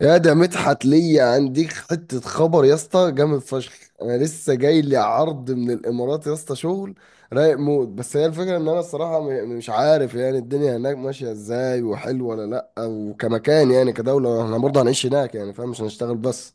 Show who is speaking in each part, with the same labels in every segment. Speaker 1: يا ده مدحت، ليا عنديك حتة خبر يا اسطى، جامد فشخ. انا لسه جاي لي عرض من الامارات يا اسطى، شغل رايق موت. بس هي الفكرة ان انا الصراحة مش عارف يعني الدنيا هناك ماشية ازاي، وحلوة ولا لا. وكمكان يعني كدولة، احنا برضه هنعيش هناك يعني، فاهم؟ مش هنشتغل بس.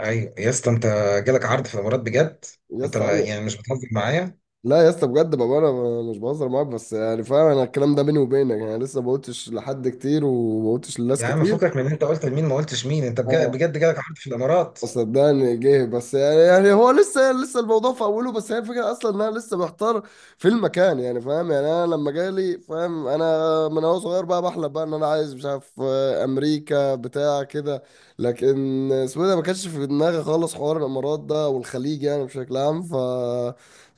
Speaker 2: ايوه يا اسطى. انت جالك عرض في الامارات بجد؟
Speaker 1: يا
Speaker 2: انت
Speaker 1: اسطى
Speaker 2: ما
Speaker 1: ايوه.
Speaker 2: يعني مش بتهزر معايا.
Speaker 1: لا يا اسطى بجد، بابا انا مش بهزر معاك، بس يعني فاهم، انا الكلام ده بيني وبينك يعني، لسه ما قلتش لحد كتير وما قلتش لناس
Speaker 2: يا عم
Speaker 1: كتير.
Speaker 2: فكك من إن انت قلت لمين ما قلتش مين. انت بجد, بجد جالك عرض في الامارات
Speaker 1: صدقني جه، بس يعني هو لسه الموضوع في اوله. بس هي الفكره اصلا ان انا لسه محتار في المكان يعني، فاهم؟ يعني انا لما جالي، فاهم، انا من هو صغير بقى بحلم بقى ان انا عايز، مش عارف، امريكا بتاع كده. لكن اسمه إيه ده، ما كانش في دماغي خالص حوار الامارات ده والخليج يعني بشكل عام.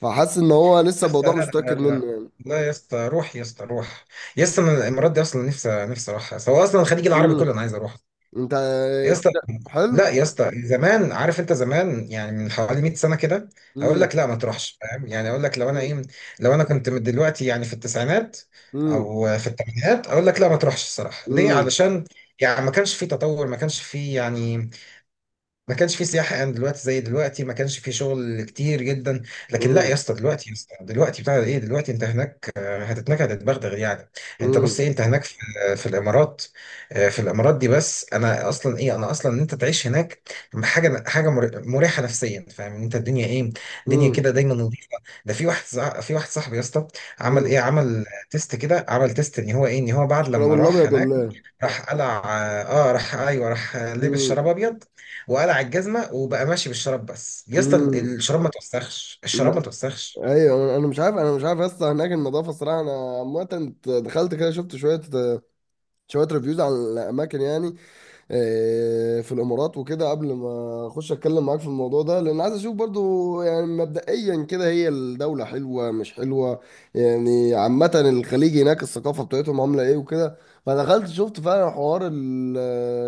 Speaker 1: فحاسس ان هو لسه
Speaker 2: يا اسطى؟ لا
Speaker 1: الموضوع مش
Speaker 2: لا
Speaker 1: متاكد
Speaker 2: لا لا.
Speaker 1: منه يعني.
Speaker 2: لا يا اسطى روح. يا اسطى روح. يا اسطى انا الامارات دي اصلا نفسي نفسي اروحها، سواء اصلا الخليج العربي
Speaker 1: امم.
Speaker 2: كله انا عايز اروح.
Speaker 1: انت.
Speaker 2: يا اسطى لا
Speaker 1: حلو.
Speaker 2: يا اسطى. زمان عارف انت، زمان يعني من حوالي 100 سنه كده. اقول لك
Speaker 1: امم.
Speaker 2: لا ما تروحش، فاهم؟ يعني اقول لك لو انا
Speaker 1: امم.
Speaker 2: ايه، لو انا كنت من دلوقتي يعني في التسعينات او في الثمانينات اقول لك لا ما تروحش الصراحه، ليه؟
Speaker 1: امم.
Speaker 2: علشان يعني ما كانش في تطور، ما كانش في يعني ما كانش في سياحة يعني دلوقتي زي دلوقتي، ما كانش في شغل كتير جدا. لكن لا
Speaker 1: امم.
Speaker 2: يا اسطى دلوقتي، يا اسطى دلوقتي بتاع ايه، دلوقتي انت هناك هتتنكد هتتبغدغ يعني. انت بص
Speaker 1: امم.
Speaker 2: ايه، انت هناك في في الامارات، في الامارات دي. بس انا اصلا ايه، انا اصلا ان انت تعيش هناك حاجة مريحة نفسيا، فاهم؟ إن انت الدنيا ايه، الدنيا كده دايما نظيفة. ده في واحد في واحد صاحبي يا اسطى عمل
Speaker 1: امم.
Speaker 2: ايه، عمل تيست كده، عمل تيست ان هو ايه، ان هو بعد
Speaker 1: الشراب
Speaker 2: لما راح
Speaker 1: الابيض
Speaker 2: هناك
Speaker 1: ولا ايه؟
Speaker 2: راح قلع راح ايوه راح لبس
Speaker 1: امم.
Speaker 2: شراب ابيض وقلع الجزمه وبقى ماشي بالشراب، بس يا اسطى
Speaker 1: امم.
Speaker 2: الشراب ما توسخش، الشراب ما
Speaker 1: ما-
Speaker 2: توسخش.
Speaker 1: ايوه، انا مش عارف، اصلا هناك النظافه، الصراحه انا عامه دخلت كده، شفت شويه شويه ريفيوز عن الاماكن يعني، في الامارات وكده، قبل ما اخش اتكلم معاك في الموضوع ده، لان عايز اشوف برضو يعني مبدئيا كده هي الدولة حلوة مش حلوة، يعني عامة الخليج هناك الثقافة بتاعتهم عاملة ايه وكده. فدخلت شفت فعلا حوار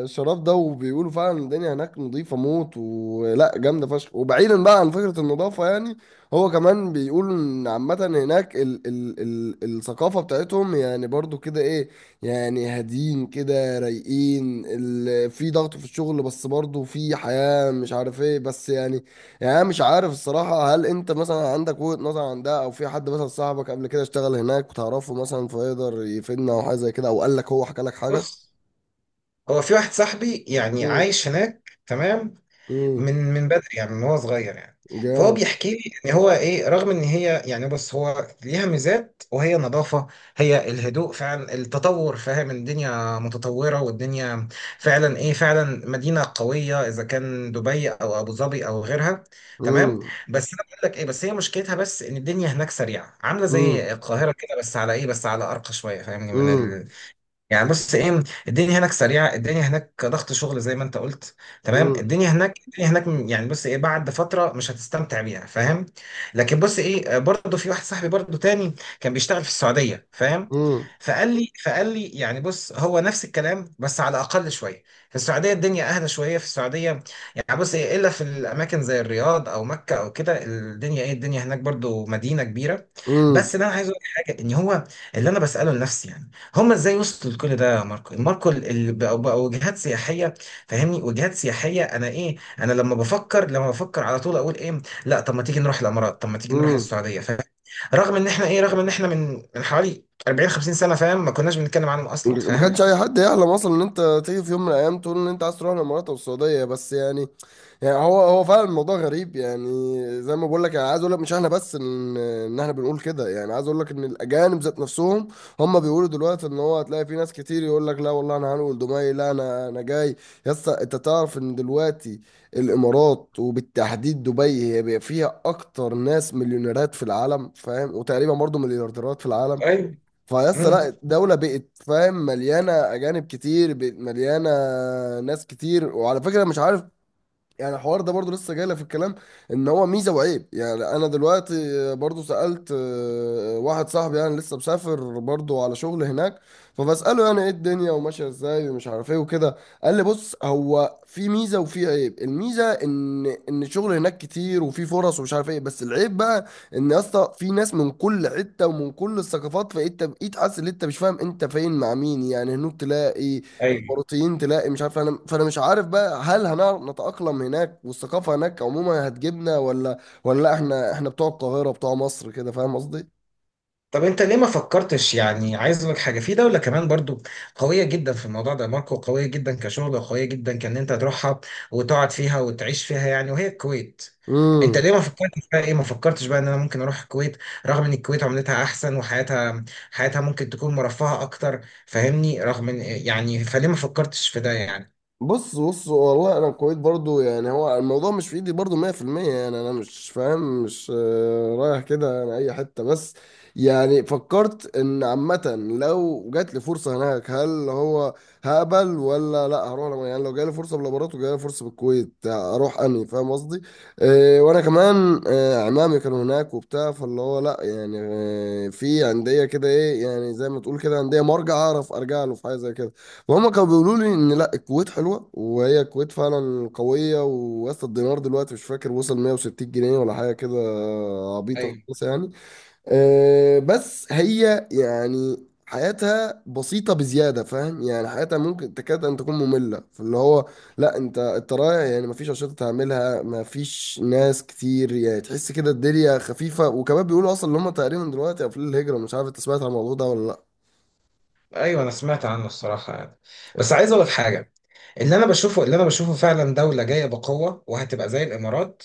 Speaker 1: الشراب ده، وبيقولوا فعلا الدنيا هناك نظيفة موت ولا جامدة فشخ. وبعيدا بقى عن فكرة النظافة يعني، هو كمان بيقول ان عامة هناك ال الثقافة بتاعتهم يعني برضو كده ايه، يعني هاديين كده، رايقين، في ضغط في الشغل بس برضه في حياة، مش عارف ايه، بس يعني، يعني أنا مش عارف الصراحة، هل انت مثلا عندك وجهة نظر عن ده، او في حد مثلا صاحبك قبل كده اشتغل هناك وتعرفه مثلا فيقدر يفيدنا او حاجة زي كده، او قال لك، هو حكى لك حاجة؟
Speaker 2: بص هو في واحد صاحبي يعني
Speaker 1: امم.
Speaker 2: عايش هناك تمام،
Speaker 1: امم.
Speaker 2: من بدري يعني من هو صغير يعني. فهو
Speaker 1: جامد.
Speaker 2: بيحكي لي ان هو ايه، رغم ان هي يعني بص هو ليها ميزات، وهي نظافة، هي الهدوء، فعلا التطور فاهم، الدنيا متطورة والدنيا فعلا ايه، فعلا مدينة قوية اذا كان دبي او ابو ظبي او غيرها تمام.
Speaker 1: امم.
Speaker 2: بس انا بقول لك ايه، بس هي مشكلتها بس ان الدنيا هناك سريعة عاملة
Speaker 1: امم.
Speaker 2: زي القاهرة كده، بس على ايه، بس على ارقى شوية، فاهمني؟ يعني بص ايه، الدنيا هناك سريعه، الدنيا هناك ضغط شغل زي ما انت قلت تمام.
Speaker 1: امم.
Speaker 2: الدنيا هناك الدنيا هناك يعني بص ايه، بعد فتره مش هتستمتع بيها، فاهم؟ لكن بص ايه، برضه في واحد صاحبي برضه تاني كان بيشتغل في السعوديه فاهم.
Speaker 1: امم.
Speaker 2: فقال لي يعني بص هو نفس الكلام بس على اقل شويه. في السعوديه الدنيا اهدى شويه، في السعوديه يعني بص ايه، الا في الاماكن زي الرياض او مكه او كده الدنيا ايه، الدنيا هناك برضه مدينه كبيره. بس اللي انا عايز اقول لك حاجه ان هو اللي انا بساله لنفسي يعني هما ازاي وصلوا لكل ده يا ماركو. ماركو بقوا وجهات سياحيه، فاهمني؟ وجهات سياحيه. انا ايه، انا لما بفكر، لما بفكر على طول اقول ايه لا طب ما تيجي نروح الامارات، طب ما تيجي نروح
Speaker 1: امم.
Speaker 2: السعوديه، فاهم؟ رغم ان احنا ايه، رغم ان احنا من حوالي 40 50 سنه فاهم، ما كناش بنتكلم عنهم اصلا،
Speaker 1: ما كانش
Speaker 2: فاهم؟
Speaker 1: اي حد يحلم اصلا ان انت تيجي في يوم من الايام تقول ان انت عايز تروح الامارات او السعوديه، بس يعني، يعني هو فعلا الموضوع غريب يعني. زي ما بقول لك، انا عايز اقول لك، مش احنا بس ان احنا بنقول كده، يعني عايز اقول لك ان الاجانب ذات نفسهم هم بيقولوا دلوقتي ان هو هتلاقي في ناس كتير يقول لك لا والله انا هنقول دبي، لا انا جاي. يا اسطى انت تعرف ان دلوقتي الامارات، وبالتحديد دبي، هي بقى فيها اكتر ناس مليونيرات في العالم، فاهم، وتقريبا برضه مليارديرات في العالم.
Speaker 2: ايوه.
Speaker 1: فيس
Speaker 2: امم.
Speaker 1: لا، دولة بقت، فاهم، مليانة أجانب كتير، بقت مليانة ناس كتير. وعلى فكرة مش عارف، يعني الحوار ده برضو لسه جايلك في الكلام، ان هو ميزه وعيب يعني. انا دلوقتي برضو سالت واحد صاحبي يعني لسه مسافر برضو على شغل هناك، فبساله يعني ايه، الدنيا وماشيه ازاي ومش عارف ايه وكده. قال لي بص، هو في ميزه وفي عيب. الميزه ان الشغل هناك كتير، وفي فرص ومش عارف ايه. بس العيب بقى، ان يا اسطى في ناس من كل حته ومن كل الثقافات، فانت بقيت حاسس ان انت مش فاهم انت فين مع مين، يعني هناك تلاقي
Speaker 2: ايوه.
Speaker 1: اماراتيين، تلاقي مش عارف انا، فانا مش عارف بقى، هل هنعرف نتأقلم هناك والثقافة هناك عموما هتجيبنا، ولا ولا لا، احنا بتوع القاهرة، بتوع مصر كده، فاهم قصدي؟
Speaker 2: طب انت ليه ما فكرتش، يعني عايز اقول لك حاجه في دوله كمان برضو قويه جدا في الموضوع ده ماركو، قويه جدا كشغل وقويه جدا كان انت تروحها وتقعد فيها وتعيش فيها يعني، وهي الكويت. انت
Speaker 1: امم.
Speaker 2: ليه ما فكرتش بقى ايه، ما فكرتش بقى ان انا ممكن اروح الكويت، رغم ان الكويت عملتها احسن وحياتها، حياتها ممكن تكون مرفهه اكتر، فاهمني؟ رغم ان يعني فليه ما فكرتش في ده يعني؟
Speaker 1: بص، بص والله، انا الكويت برضو، يعني هو الموضوع مش في ايدي برضو 100%. يعني انا مش فاهم، مش رايح كده انا اي حتة بس، يعني فكرت ان عامة لو جات لي فرصة هناك، هل هو هقبل ولا لا هروح، يعني لو جالي فرصة بالامارات وجالي فرصة بالكويت اروح اني، فاهم قصدي؟ وانا كمان، عمامي كانوا هناك وبتاع، فاللي هو لا يعني، في عندية كده ايه، يعني زي ما تقول كده عندية مرجع اعرف ارجع له في حاجة زي كده. وهما كانوا بيقولوا لي ان لا، الكويت حلوه، وهي الكويت فعلا قويه، ووصل الدينار دلوقتي، مش فاكر، وصل 160 جنيه ولا حاجه كده، عبيطه
Speaker 2: ايوه.
Speaker 1: خالص يعني. بس هي يعني حياتها بسيطه بزياده، فاهم، يعني حياتها ممكن تكاد ان تكون ممله في اللي هو، لا انت، رايح يعني مفيش انشطه تعملها، مفيش ناس كتير، يعني تحس كده الدنيا خفيفه. وكمان بيقولوا اصلا ان هم تقريبا دلوقتي قافلين الهجره، مش عارف انت سمعت عن الموضوع ده ولا لا.
Speaker 2: ايوه انا سمعت عنه الصراحه يعني، بس عايز اقول لك حاجه، اللي انا بشوفه، اللي انا بشوفه فعلا دوله جايه بقوه وهتبقى زي الامارات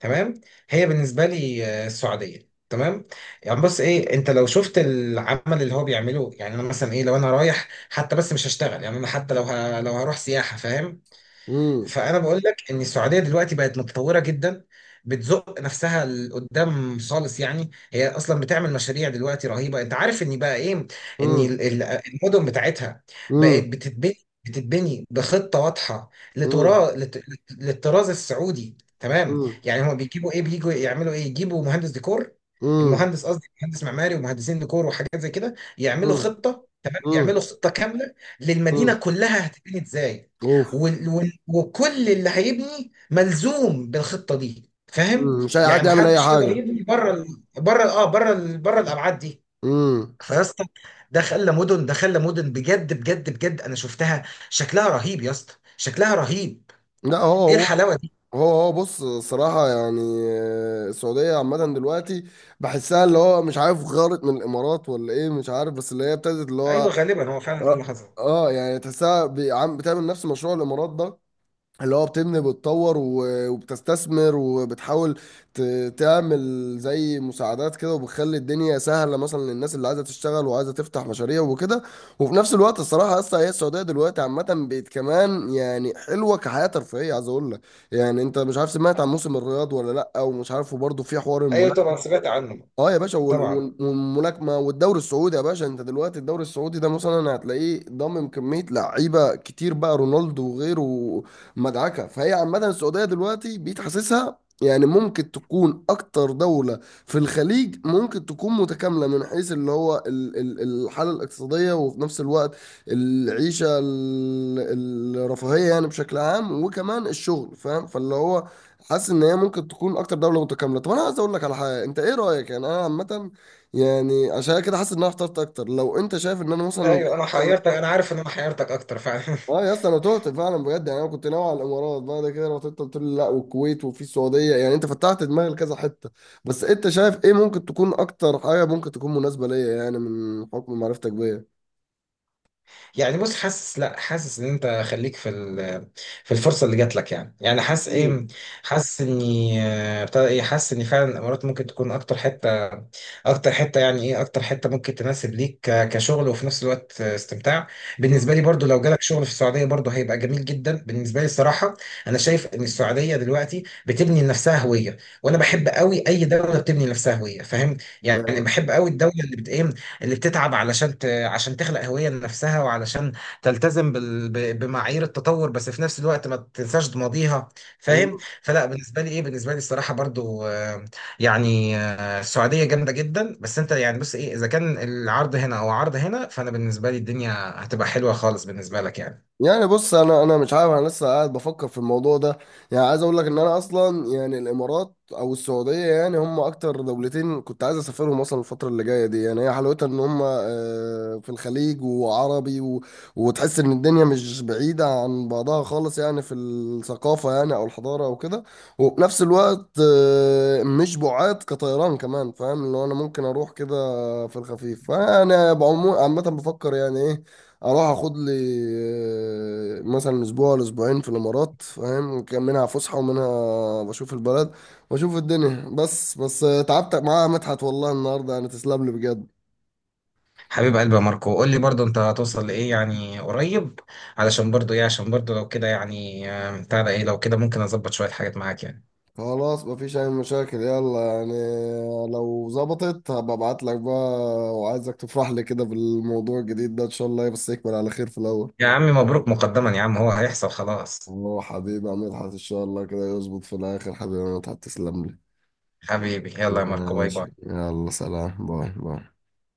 Speaker 2: تمام. هي بالنسبه لي السعوديه تمام. يعني بص ايه، انت لو شفت العمل اللي هو بيعمله، يعني انا مثلا ايه لو انا رايح حتى بس مش هشتغل يعني انا حتى لو لو هروح سياحه، فاهم؟
Speaker 1: امم.
Speaker 2: فانا بقول لك ان السعوديه دلوقتي بقت متطوره جدا، بتزق نفسها لقدام خالص يعني، هي اصلا بتعمل مشاريع دلوقتي رهيبه. انت عارف ان بقى ايه، ان
Speaker 1: امم.
Speaker 2: المدن بتاعتها بقت بتتبني بخطه واضحه،
Speaker 1: امم.
Speaker 2: لتراث للطراز السعودي تمام.
Speaker 1: مم.
Speaker 2: يعني هو بيجيبوا ايه، بيجوا يعملوا ايه، يجيبوا مهندس ديكور،
Speaker 1: مم.
Speaker 2: المهندس قصدي مهندس معماري ومهندسين ديكور وحاجات زي كده، يعملوا
Speaker 1: مم.
Speaker 2: خطه تمام، يعملوا
Speaker 1: مم.
Speaker 2: خطه كامله
Speaker 1: مم.
Speaker 2: للمدينه كلها هتبني ازاي.
Speaker 1: اوف.
Speaker 2: وال وال وكل اللي هيبني ملزوم بالخطه دي، فاهم؟
Speaker 1: مم. مش اي حد
Speaker 2: يعني
Speaker 1: يعمل اي
Speaker 2: محدش يقدر
Speaker 1: حاجه.
Speaker 2: يبني بره ال- بره اه بره ال- بره الابعاد دي.
Speaker 1: مم.
Speaker 2: فيا اسطى ده خلى مدن، ده خلى مدن بجد بجد بجد، انا شفتها شكلها رهيب يا اسطى، شكلها رهيب،
Speaker 1: لا
Speaker 2: ايه
Speaker 1: هو، هو
Speaker 2: الحلاوه دي!
Speaker 1: هو هو بص، صراحة يعني، السعودية عامة دلوقتي بحسها اللي هو، مش عارف غارت من الإمارات ولا إيه، مش عارف، بس اللي هي ابتدت اللي هو،
Speaker 2: ايوه غالبا هو فعلا ده اللي
Speaker 1: آه,
Speaker 2: حصل.
Speaker 1: يعني تحسها بتعمل نفس مشروع الإمارات ده، اللي هو بتبني، بتطور وبتستثمر، وبتحاول تعمل زي مساعدات كده، وبتخلي الدنيا سهلة مثلا للناس اللي عايزة تشتغل وعايزة تفتح مشاريع وكده. وفي نفس الوقت الصراحة أصلا هي السعودية دلوقتي عامة بقت كمان يعني حلوة كحياة ترفيهية، عايز أقول لك يعني. أنت مش عارف، سمعت عن موسم الرياض ولا لأ، ومش عارف وبرضه في حوار
Speaker 2: ايوه
Speaker 1: الملاكمة.
Speaker 2: طبعا سمعت عنه.
Speaker 1: اه يا باشا،
Speaker 2: طبعا.
Speaker 1: والملاكمه والدوري السعودي. يا باشا انت دلوقتي الدوري السعودي ده مثلا هتلاقيه ضامم كميه لعيبه كتير، بقى رونالدو وغيره، مدعكه. فهي عامه السعوديه دلوقتي بقيت حاسسها يعني ممكن تكون اكتر دوله في الخليج ممكن تكون متكامله، من حيث اللي هو الحاله الاقتصاديه، وفي نفس الوقت العيشه، الرفاهيه يعني بشكل عام، وكمان الشغل، فاهم، فاللي هو حاسس ان هي ممكن تكون اكتر دوله متكامله. طب انا عايز اقول لك على حاجه، انت ايه رايك يعني، انا عامه يعني عشان كده حاسس ان انا اخترت اكتر، لو انت شايف ان انا مثلا.
Speaker 2: ايوه انا حيرتك، انا عارف ان انا حيرتك اكتر فعلا.
Speaker 1: اه يا اسطى، انا تهت فعلا بجد، يعني انا كنت ناوي على الامارات، بعد كده لو انت قلت لي لا، والكويت وفي السعوديه، يعني انت فتحت دماغي لكذا حته. بس انت شايف ايه ممكن تكون اكتر حاجه ممكن تكون مناسبه ليا، يعني من حكم معرفتك بيا.
Speaker 2: يعني بص حاسس، لا حاسس ان انت خليك في في الفرصه اللي جات لك يعني، يعني حاسس
Speaker 1: مم.
Speaker 2: ايه، حاسس اني بتاع ايه، حاسس ان فعلا الامارات ممكن تكون اكتر حته، اكتر حته يعني ايه، اكتر حته ممكن تناسب ليك كشغل وفي نفس الوقت استمتاع. بالنسبه لي
Speaker 1: مم.
Speaker 2: برضو لو جالك شغل في السعوديه برضو هيبقى جميل جدا بالنسبه لي الصراحه. انا شايف ان السعوديه دلوقتي بتبني لنفسها هويه، وانا بحب
Speaker 1: مم.
Speaker 2: قوي اي دوله بتبني لنفسها هويه، فاهم؟ يعني
Speaker 1: أيوة.
Speaker 2: بحب قوي الدوله اللي بت ايه، اللي بتتعب علشان، عشان تخلق هوية لنفسها وعلشان تلتزم بمعايير التطور، بس في نفس الوقت ما تنساش ماضيها،
Speaker 1: مم.
Speaker 2: فاهم؟ فلا بالنسبة لي ايه، بالنسبة لي الصراحة برضو، يعني السعودية جامدة جدا. بس انت يعني بص ايه، اذا كان العرض هنا او عرض هنا فانا بالنسبة لي الدنيا هتبقى حلوة خالص بالنسبة لك يعني.
Speaker 1: يعني بص، انا مش عارف، انا لسه قاعد بفكر في الموضوع ده. يعني عايز اقول لك ان انا اصلا يعني الامارات او السعوديه يعني هم اكتر دولتين كنت عايز اسافرهم اصلا الفتره اللي جايه دي. يعني هي حلاوتها ان هم، في الخليج وعربي و... وتحس ان الدنيا مش بعيده عن بعضها خالص يعني، في الثقافه يعني او الحضاره او كده. وفي نفس الوقت مش بعاد كطيران كمان، فاهم، اللي هو انا ممكن اروح كده في الخفيف. فانا عامه بفكر يعني ايه، اروح اخد لي مثلا اسبوع ولا اسبوعين في الامارات، فاهم، كان منها فسحه ومنها بشوف البلد واشوف الدنيا بس. بس تعبت معاها مدحت والله النهارده يعني، تسلم لي بجد.
Speaker 2: حبيب قلبي يا ماركو، قول لي برضو انت هتوصل لايه يعني قريب، علشان برضو ايه، عشان برضو لو كده يعني بتاع ده ايه، لو كده ممكن اظبط شوية حاجات معاك يعني.
Speaker 1: خلاص، مفيش اي مشاكل، يلا يعني لو ظبطت هبقى ابعت لك بقى. وعايزك تفرح لي كده بالموضوع الجديد ده ان شاء الله، بس يكمل على خير في الاول.
Speaker 2: يا عمي مبروك مقدما يا عم، هو هيحصل خلاص.
Speaker 1: اه حبيبي يا مدحت، ان شاء الله كده يظبط في الاخر. حبيبي يا مدحت تسلم لي.
Speaker 2: حبيبي يلا يا ماركو باي باي.
Speaker 1: ماشي، يلا، سلام، باي باي.